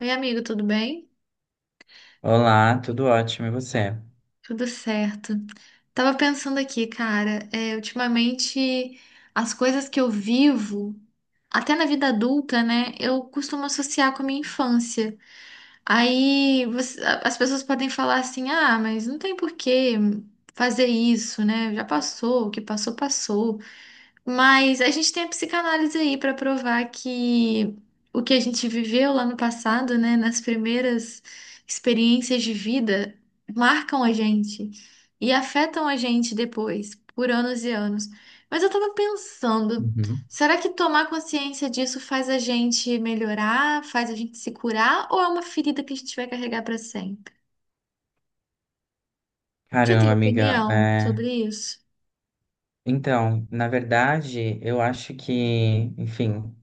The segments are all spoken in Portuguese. Oi, amigo, tudo bem? Olá, tudo ótimo, e você? Tudo certo. Tava pensando aqui, cara, ultimamente as coisas que eu vivo, até na vida adulta, né, eu costumo associar com a minha infância. Aí as pessoas podem falar assim: ah, mas não tem por que fazer isso, né? Já passou, o que passou, passou. Mas a gente tem a psicanálise aí para provar que o que a gente viveu lá no passado, né, nas primeiras experiências de vida, marcam a gente e afetam a gente depois, por anos e anos. Mas eu tava pensando, Uhum. será que tomar consciência disso faz a gente melhorar, faz a gente se curar, ou é uma ferida que a gente vai carregar para sempre? Você tem Caramba, amiga. opinião sobre isso? Então, na verdade, eu acho que, enfim,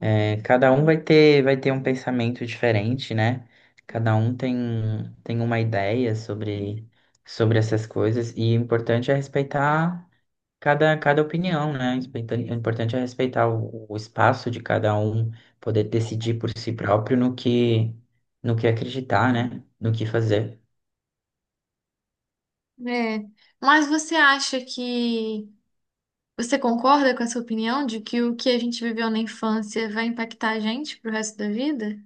cada um vai ter um pensamento diferente, né? Cada um tem uma ideia sobre essas coisas, e o importante é respeitar cada opinião, né? O importante é respeitar o espaço de cada um, poder decidir por si próprio no que acreditar, né? No que fazer. É. Mas você acha que você concorda com essa opinião de que o que a gente viveu na infância vai impactar a gente pro resto da vida?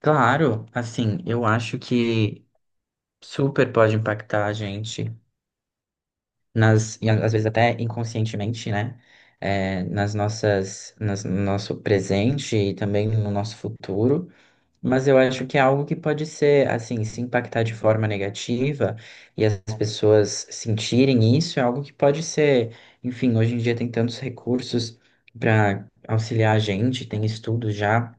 Claro, assim, eu acho que super pode impactar a gente e às vezes até inconscientemente, né? Nas nossas, no nosso presente e também no nosso futuro. Mas eu acho que é algo que pode ser, assim, se impactar de forma negativa e as pessoas sentirem isso, é algo que pode ser, enfim, hoje em dia tem tantos recursos para auxiliar a gente, tem estudos já,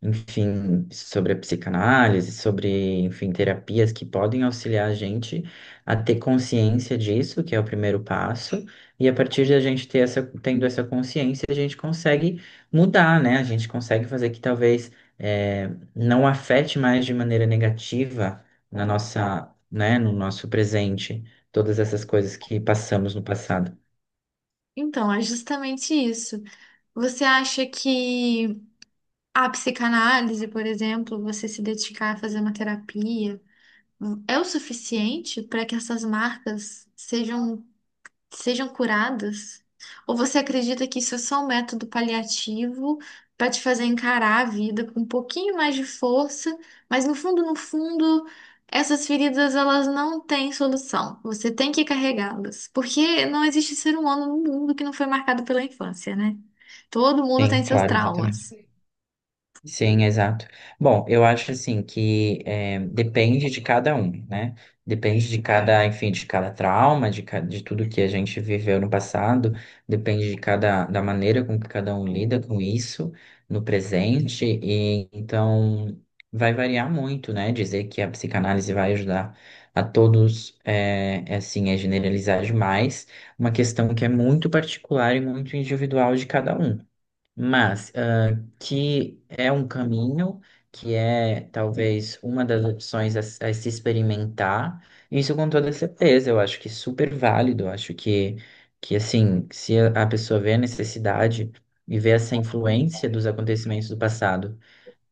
enfim, sobre a psicanálise, sobre, enfim, terapias que podem auxiliar a gente a ter consciência disso, que é o primeiro passo, e a partir de a gente ter essa, tendo essa consciência, a gente consegue mudar, né? A gente consegue fazer que talvez eh, não afete mais de maneira negativa na nossa, né, no nosso presente, todas essas coisas que passamos no passado. Então, é justamente isso. Você acha que a psicanálise, por exemplo, você se dedicar a fazer uma terapia, é o suficiente para que essas marcas sejam curadas? Ou você acredita que isso é só um método paliativo para te fazer encarar a vida com um pouquinho mais de força, mas no fundo, no fundo, essas feridas elas não têm solução. Você tem que carregá-las, porque não existe ser humano no mundo que não foi marcado pela infância, né? Todo mundo Sim, tem seus claro, exatamente. traumas. Sim, exato. Bom, eu acho assim que depende de cada um, né? Depende de cada, enfim, de cada trauma, de, de tudo que a gente viveu no passado, depende de cada, da maneira com que cada um lida com isso no presente, e então vai variar muito, né? Dizer que a psicanálise vai ajudar a todos, assim, é generalizar demais, uma questão que é muito particular e muito individual de cada um. Mas que é um caminho, que é talvez uma das opções a se experimentar. Isso com toda certeza, eu acho que é super válido, eu acho que assim, se a pessoa vê a necessidade e vê essa influência dos acontecimentos do passado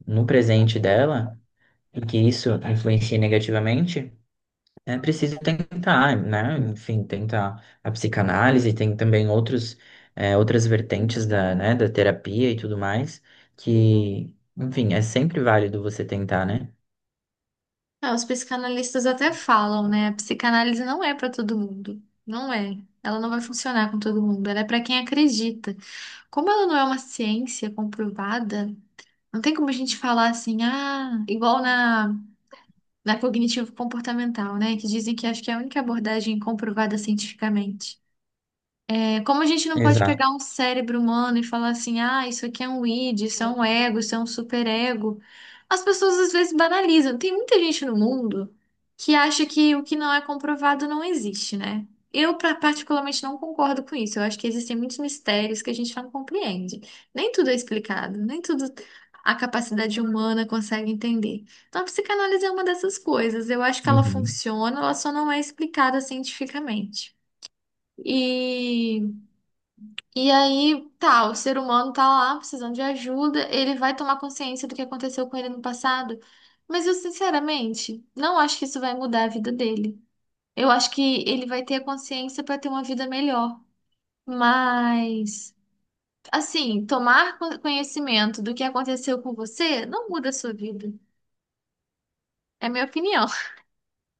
no presente dela, e que isso influencia negativamente, é preciso tentar, né? Enfim, tentar a psicanálise, tem também outros, outras vertentes da, né, da terapia e tudo mais, que, enfim, é sempre válido você tentar, né? Ah, os psicanalistas até falam, né? A psicanálise não é para todo mundo. Não é. Ela não vai funcionar com todo mundo. Ela é para quem acredita. Como ela não é uma ciência comprovada, não tem como a gente falar assim, ah, igual na cognitivo-comportamental, né? Que dizem que acho que é a única abordagem comprovada cientificamente. É como a gente não pode pegar Exato. um cérebro humano e falar assim, ah, isso aqui é um id, isso é um ego, isso é um superego. As pessoas às vezes banalizam. Tem muita gente no mundo que acha que o que não é comprovado não existe, né? Eu particularmente não concordo com isso. Eu acho que existem muitos mistérios que a gente não compreende. Nem tudo é explicado, nem tudo a capacidade humana consegue entender. Então a psicanálise é uma dessas coisas. Eu acho que ela Uhum. funciona, ela só não é explicada cientificamente. E e aí, tá, o ser humano tá lá precisando de ajuda, ele vai tomar consciência do que aconteceu com ele no passado, mas eu sinceramente não acho que isso vai mudar a vida dele. Eu acho que ele vai ter a consciência para ter uma vida melhor, mas assim, tomar conhecimento do que aconteceu com você não muda a sua vida. É a minha opinião.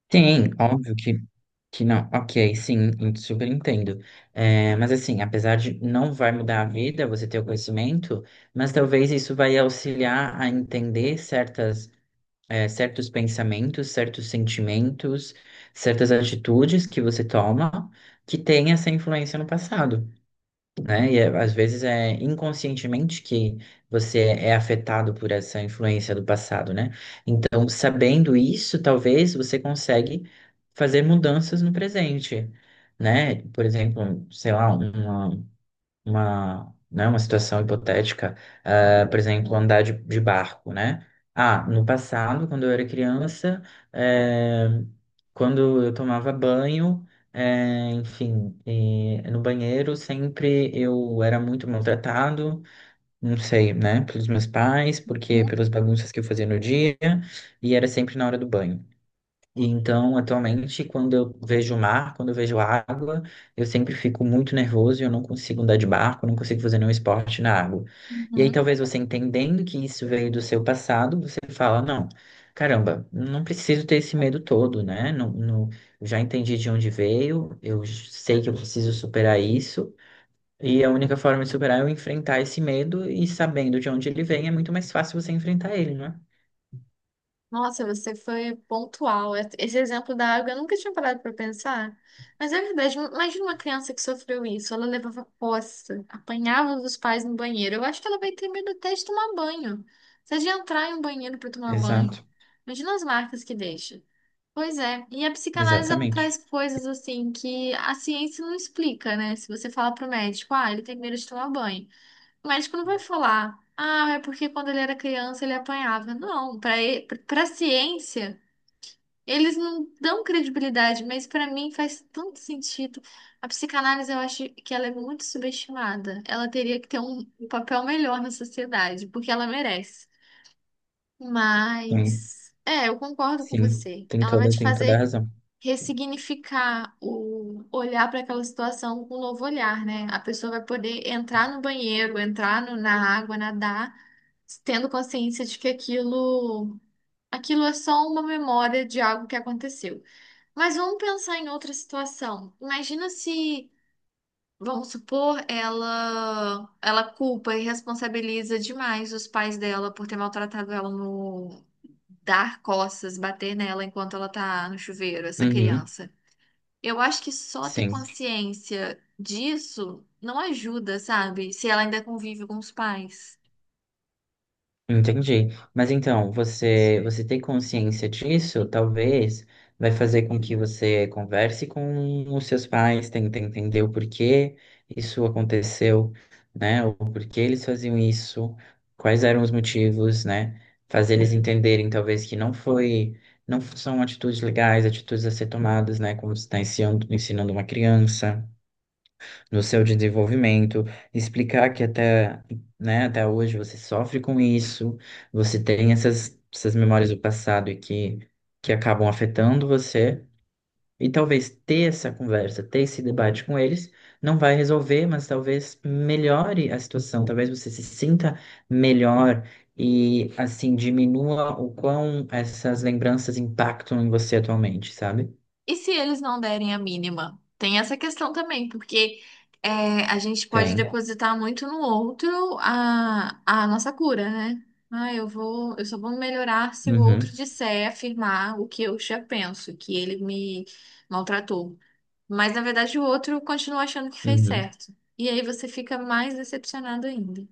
Tem, óbvio que, não. Ok, sim, eu super entendo. Mas assim, apesar de não vai mudar a vida você ter o conhecimento, mas talvez isso vai auxiliar a entender certas, certos pensamentos, certos sentimentos, certas atitudes que você toma que tem essa influência no passado, né? E às vezes é inconscientemente que você é afetado por essa influência do passado, né? Então, sabendo isso, talvez você consegue fazer mudanças no presente. Né? Por exemplo, sei lá, né, uma situação hipotética, ah, por exemplo, andar de barco, né? Ah, no passado, quando eu era criança, eh, quando eu tomava banho, no banheiro sempre eu era muito maltratado, não sei, né, pelos meus pais, porque pelas bagunças que eu fazia no dia, e era sempre na hora do banho. E então, atualmente, quando eu vejo o mar, quando eu vejo água, eu sempre fico muito nervoso e eu não consigo andar de barco, não consigo fazer nenhum esporte na água. E aí, talvez você entendendo que isso veio do seu passado, você fala, não, caramba, não preciso ter esse medo todo, né? Não, eu já entendi de onde veio, eu sei que eu preciso superar isso. E a única forma de superar é eu enfrentar esse medo, e sabendo de onde ele vem, é muito mais fácil você enfrentar ele, não é? Nossa, você foi pontual. Esse exemplo da água eu nunca tinha parado para pensar. Mas é verdade, imagina uma criança que sofreu isso. Ela levava poça, apanhava dos pais no banheiro. Eu acho que ela vai ter medo até de tomar banho. Seja de entrar em um banheiro para tomar banho. Exato, Imagina as marcas que deixa. Pois é, e a psicanálise ela exatamente. traz coisas assim que a ciência não explica, né? Se você fala pro médico, ah, ele tem medo de tomar banho. O médico não vai falar, ah, é porque quando ele era criança ele apanhava. Não, para ciência, eles não dão credibilidade, mas para mim faz tanto sentido. A psicanálise eu acho que ela é muito subestimada. Ela teria que ter um papel melhor na sociedade, porque ela merece. Mas é, eu concordo com Sim, você. tem Ela vai toda, te tem toda a fazer razão. ressignificar o olhar para aquela situação com um novo olhar, né? A pessoa vai poder entrar no banheiro, entrar na água, nadar tendo consciência de que aquilo é só uma memória de algo que aconteceu. Mas vamos pensar em outra situação. Imagina se, vamos supor, ela culpa e responsabiliza demais os pais dela por ter maltratado ela no dar costas, bater nela enquanto ela tá no chuveiro, essa Uhum, criança. Eu acho que só ter sim, consciência disso não ajuda, sabe? Se ela ainda convive com os pais. entendi. Mas então, você ter consciência disso, talvez, vai fazer com que você converse com os seus pais, tente entender o porquê isso aconteceu, né? O porquê eles faziam isso, quais eram os motivos, né? Fazer eles, entenderem, talvez, que não foi, não são atitudes legais, atitudes a ser tomadas, né? Como você está ensinando, ensinando uma criança. Do seu desenvolvimento, explicar que até, né, até hoje você sofre com isso, você tem essas memórias do passado, e que acabam afetando você, e talvez ter essa conversa, ter esse debate com eles, não vai resolver, mas talvez melhore a situação, talvez você se sinta melhor e, assim, diminua o quão essas lembranças impactam em você atualmente, sabe? E se eles não derem a mínima? Tem essa questão também, porque a gente pode Tem. depositar muito no outro a nossa cura, né? Ah, eu só vou melhorar se o outro Uhum, disser, afirmar o que eu já penso, que ele me maltratou. Mas na verdade o outro continua achando que fez uhum. certo. E aí você fica mais decepcionado ainda.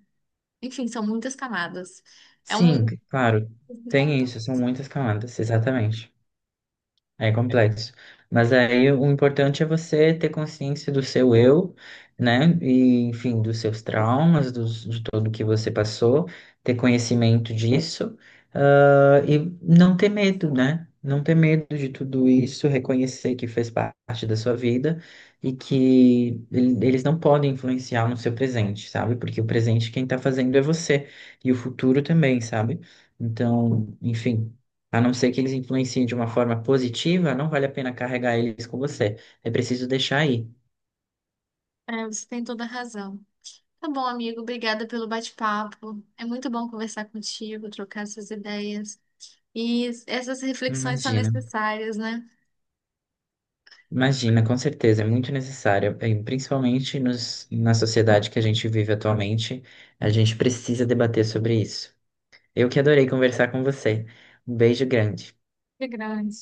Enfim, são muitas camadas. É Sim, um. claro. Tem isso, são muitas camadas, exatamente. É complexo. Mas aí o importante é você ter consciência do seu eu, né? E, enfim, dos seus traumas, dos, de tudo que você passou, ter conhecimento disso, ah, e não ter medo, né? Não ter medo de tudo isso, reconhecer que fez parte da sua vida e que eles não podem influenciar no seu presente, sabe? Porque o presente quem tá fazendo é você, e o futuro também, sabe? Então, enfim. A não ser que eles influenciem de uma forma positiva, não vale a pena carregar eles com você. É preciso deixar aí. É, você tem toda a razão. Tá bom, amigo. Obrigada pelo bate-papo. É muito bom conversar contigo, trocar essas ideias. E essas reflexões são Imagina, necessárias, né? imagina, com certeza, é muito necessário, principalmente na sociedade que a gente vive atualmente, a gente precisa debater sobre isso. Eu que adorei conversar com você. Um beijo grande. Que grande.